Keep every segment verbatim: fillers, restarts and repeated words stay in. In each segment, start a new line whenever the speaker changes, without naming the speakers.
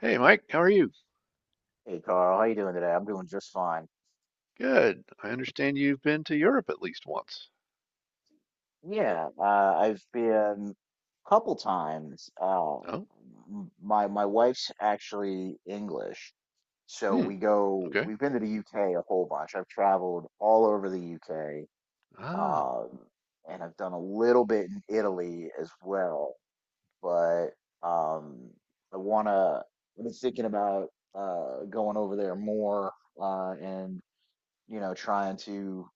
Hey Mike, how are you?
Hey Carl, how you doing today? I'm doing just fine.
Good. I understand you've been to Europe at least once.
Yeah, uh, I've been a couple times. Uh,
Oh,
m- my my wife's actually English, so
hmm,
we go.
okay.
We've been to the U K a whole bunch. I've traveled all over the U K,
Ah,
um, and I've done a little bit in Italy as well. But um, I wanna. I've been thinking about uh, going over there more uh, and you know trying to.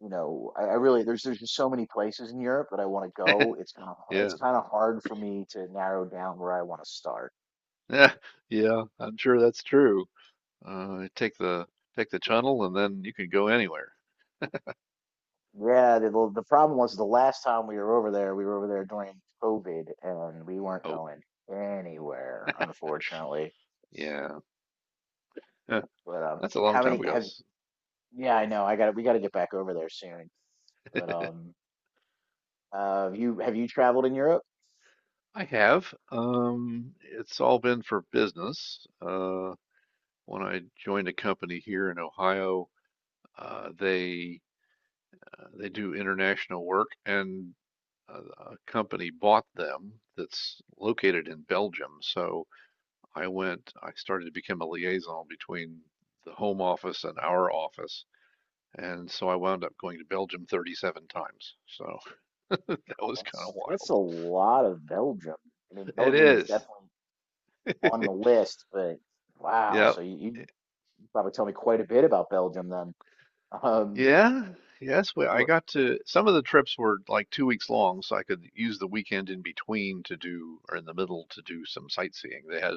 You know, I, I really there's there's just so many places in Europe that I want to go. It's kind of it's
yeah,
kind of hard for me to narrow down where I want to start.
yeah, yeah. I'm sure that's true. Uh, take the take the tunnel and then you can go anywhere.
Yeah, the the the problem was the last time we were over there, we were over there during COVID, and we weren't
Oh,
going anywhere, unfortunately.
yeah, huh,
But um,
that's a long
How
time
many
ago.
have?
S-
Yeah, I know. I got to We got to get back over there soon. But um, uh, have you have you traveled in Europe?
I have. Um, it's all been for business. Uh, when I joined a company here in Ohio, uh, they uh, they do international work, and a, company bought them that's located in Belgium. So I went, I started to become a liaison between the home office and our office. And so I wound up going to Belgium thirty-seven times. So that was kind
That's
of
that's
wild.
a lot of Belgium. I mean,
It
Belgium is
is.
definitely on the list, but wow. So
Yep.
you, you probably tell me quite a bit about Belgium then. Um,
Yeah. Yes. We, I got to, some of the trips were like two weeks long, so I could use the weekend in between to do, or in the middle to do some sightseeing. They had,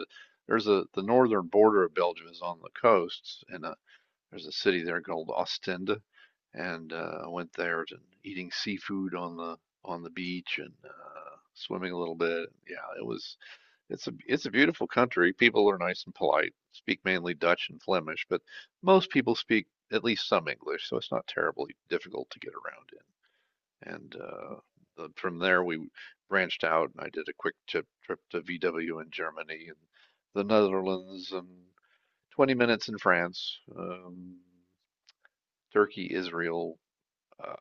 there's a, the northern border of Belgium is on the coast, and uh, There's a city there called Ostende, and uh, I went there and eating seafood on the on the beach and uh, swimming a little bit. Yeah, it was it's a it's a beautiful country. People are nice and polite. Speak mainly Dutch and Flemish, but most people speak at least some English, so it's not terribly difficult to get around in. And uh, the, from there we branched out, and I did a quick trip trip to V W in Germany and the Netherlands and twenty minutes in France. Um, Turkey, Israel, uh,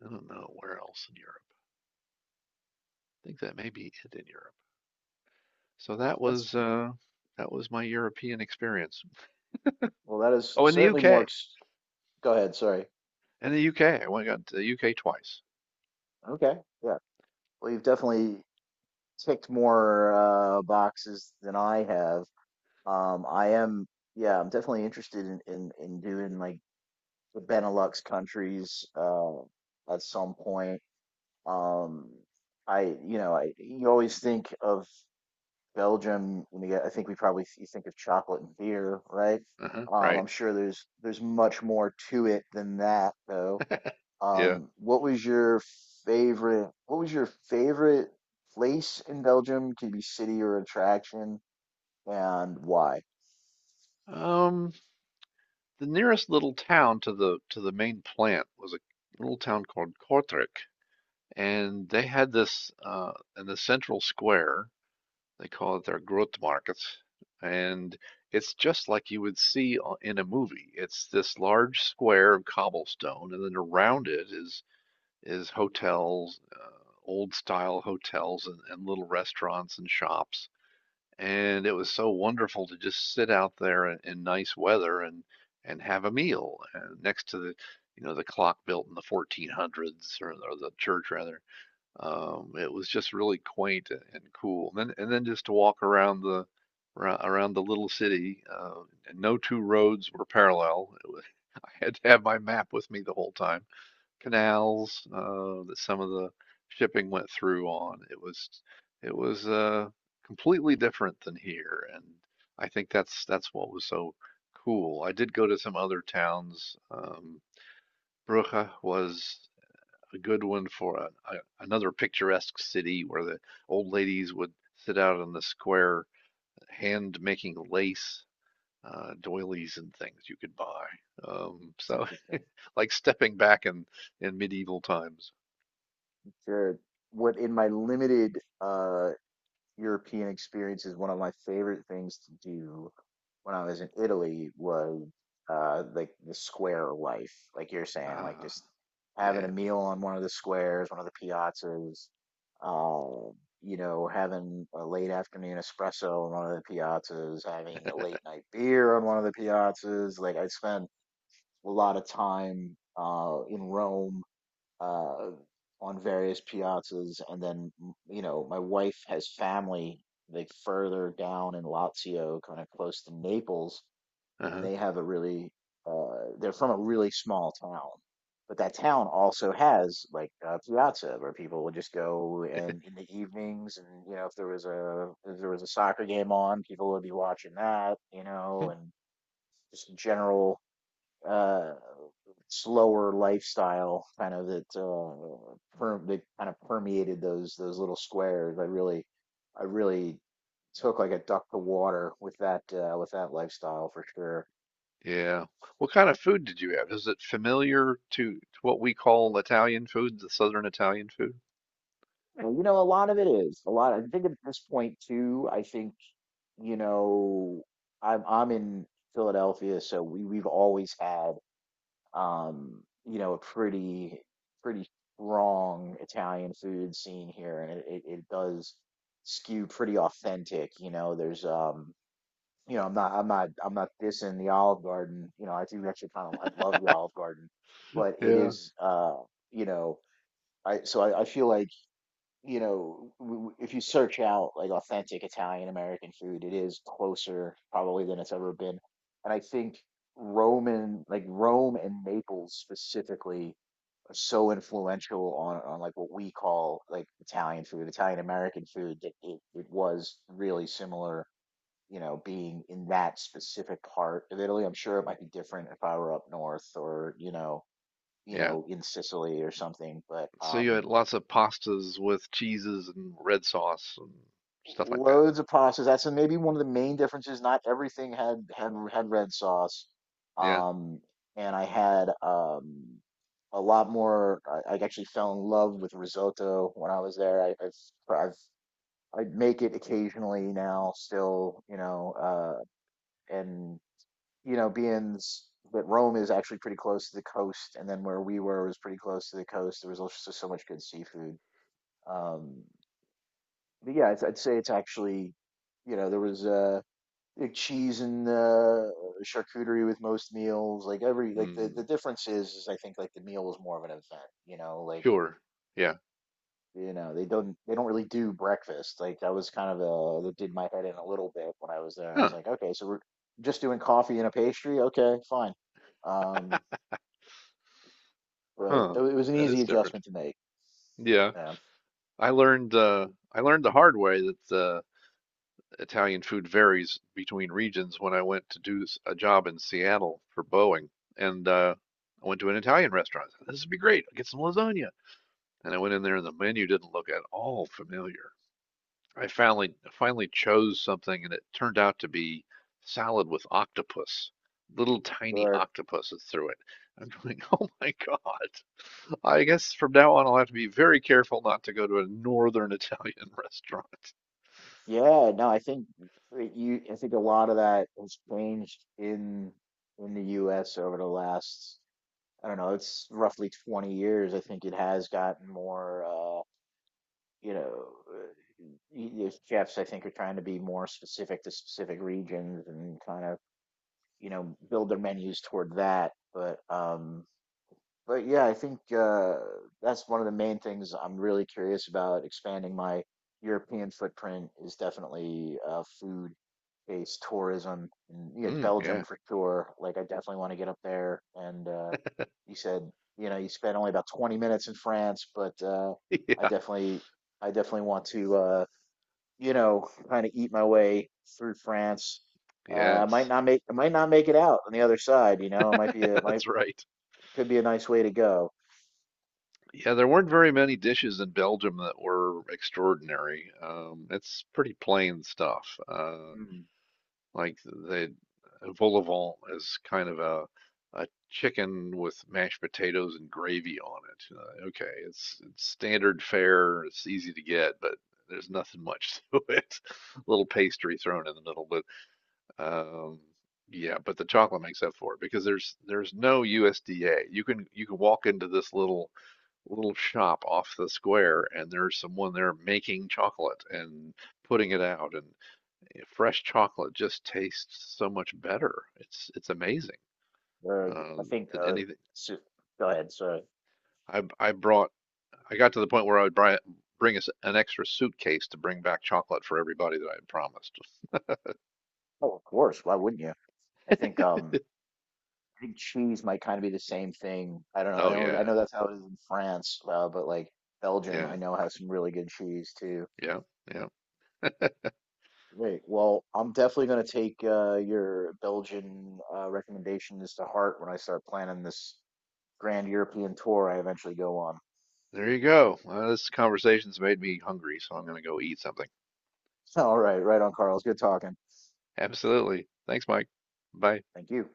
I don't know where else in Europe. I think that may be it in Europe. So that
that's
was uh, that was my European experience.
well, that is
Oh, in the
certainly more.
U K.
Ex- Go ahead. Sorry.
In the U K, I went got to the U K twice.
Okay. Yeah. Well, you've definitely ticked more uh, boxes than I have. Um, I am. Yeah, I'm definitely interested in in, in doing like the Benelux countries uh, at some point. Um, I, you know, I you always think of Belgium, when you get, I think we probably you think of chocolate and beer, right?
Uh-huh,
Um,
right.
I'm sure there's there's much more to it than that, though.
Yeah.
Um, what was your favorite? What was your favorite place in Belgium? Could be city or attraction, and why?
Um, the nearest little town to the to the main plant was a little town called Kortrijk, and they had this uh, in the central square. They call it their growth market. And it's just like you would see in a movie. It's this large square of cobblestone, and then around it is is hotels, uh, old style hotels and, and little restaurants and shops. And it was so wonderful to just sit out there in, in nice weather and and have a meal uh, next to the you know the clock built in the fourteen hundreds or, or the church rather. Um, it was just really quaint and cool. And then, and then just to walk around the around the little city, uh, and no two roads were parallel. It was, I had to have my map with me the whole time. Canals uh, that some of the shipping went through on. It was it was uh, completely different than here, and I think that's that's what was so cool. I did go to some other towns. Um, Brugge was a good one for a, a, another picturesque city where the old ladies would sit out on the square, hand making lace, uh, doilies and things you could buy. Um,
It's
so
interesting.
like stepping back in in medieval times.
Sure. What in my limited uh European experience is one of my favorite things to do when I was in Italy was uh like the square life, like you're saying, like
Ah,
just having a
yeah,
meal on one of the squares, one of the piazzas, um, you know, having a late afternoon espresso on one of the piazzas, having a late night beer on one of the piazzas. Like I spent a lot of time uh in Rome uh, on various piazzas, and then m- you know my wife has family like further down in Lazio, kind of close to Naples, and
uh-huh,
they have a really uh, they're from a really small town, but that town also has like a piazza where people would just go and in the evenings, and you know if there was a if there was a soccer game on, people would be watching that, you know, and just general uh, slower lifestyle kind of that uh, per- that kind of permeated those those little squares. I really I really took like a duck to water with that uh, with that lifestyle for sure.
yeah. What kind of food did you have? Is it familiar to, to what we call Italian food, the Southern Italian food?
And you know, a lot of it is a lot. I think at this point too. I think you know I'm I'm in Philadelphia, so we we've always had um, you know, a pretty pretty strong Italian food scene here, and it, it, it does skew pretty authentic. You know, there's um, you know, I'm not I'm not I'm not dissing the Olive Garden. You know, I do actually kind of I love the Olive Garden, but it
Yeah,
is uh, you know, I so I, I feel like you know, w- w- if you search out like authentic Italian American food, it is closer probably than it's ever been. And I think Rome and like Rome and Naples specifically are so influential on on like what we call like Italian food, Italian American food that it, it was really similar, you know, being in that specific part of Italy. I'm sure it might be different if I were up north or, you know, you
yeah.
know, in Sicily or something, but
So you had
um
lots of pastas with cheeses and red sauce and stuff like that.
loads of pasta. That's maybe one of the main differences. Not everything had had had red sauce,
Yeah.
um, and I had um, a lot more. I, I actually fell in love with risotto when I was there. I, I've I've I make it occasionally now, still, you know, uh, and you know, being s- that Rome is actually pretty close to the coast, and then where we were was pretty close to the coast. There was also so so much good seafood. Um, but yeah, I'd, I'd say it's actually, you know, there was. Uh, like cheese and uh, charcuterie with most meals. Like every like the the
Mm,
difference is, is I think like the meal is more of an event. You know, like
sure. Yeah.
you know they don't they don't really do breakfast. Like that was kind of uh that did my head in a little bit when I was there. I was
Huh.
like, okay, so we're just doing coffee and a pastry. Okay, fine. Um, but it,
Huh.
it was an
That
easy
is different.
adjustment to make.
Yeah.
Yeah.
I learned uh I learned the hard way that uh Italian food varies between regions when I went to do s- a job in Seattle for Boeing. And uh I went to an Italian restaurant. I said, "This would be great. I'll get some lasagna." And I went in there and the menu didn't look at all familiar. I finally finally chose something, and it turned out to be salad with octopus, little tiny
Or
octopuses through it. I'm going, oh my God. I guess from now on, I'll have to be very careful not to go to a northern Italian restaurant.
yeah, no, I think that you I think a lot of that has changed in in the U S over the last I don't know, it's roughly twenty years. I think it has gotten more, uh, you know, uh, y- these chefs, I think, are trying to be more specific to specific regions and kind of, you know, build their menus toward that. But, um, but yeah, I think uh, that's one of the main things I'm really curious about expanding my European footprint is definitely uh, food-based tourism. And, yeah,
Mm,
Belgium
yeah.
for sure. Like, I definitely want to get up there. And uh, you said, you know, you spent only about twenty minutes in France, but uh, I
Yeah.
definitely, I definitely want to, uh, you know, kind of eat my way through France. Uh, I might
Yes.
not make, I might not make it out on the other side. You know, it might be, a, might
That's right.
could be a nice way to go.
Yeah, there weren't very many dishes in Belgium that were extraordinary. Um, it's pretty plain stuff. Uh,
Mm,
Like the vol au vent is kind of a a chicken with mashed potatoes and gravy on it. Uh, okay, it's it's standard fare. It's easy to get, but there's nothing much to it. A little pastry thrown in the middle, but um, yeah, but the chocolate makes up for it because there's there's no U S D A. You can you can walk into this little little shop off the square and there's someone there making chocolate and putting it out and you know, fresh chocolate just tastes so much better. It's it's amazing,
uh, I
um,
think,
than
uh,
anything.
so, go ahead. So,
I I brought. I got to the point where I would buy, bring us an extra suitcase to bring back chocolate for everybody that I had promised.
oh, of course. Why wouldn't you? I think, um, I think cheese might kind of be the same thing. I don't know. I
Oh
know, I
yeah,
know that's how it is in France, uh, but like Belgium, I
yeah,
know has some really good cheese too.
yeah, yeah.
Great. Well, I'm definitely going to take uh, your Belgian uh, recommendations to heart when I start planning this grand European tour I eventually go on.
There you go. Well, this conversation's made me hungry, so I'm gonna go eat something.
All right, right on, Carl. It's good talking.
Absolutely. Thanks, Mike. Bye.
Thank you.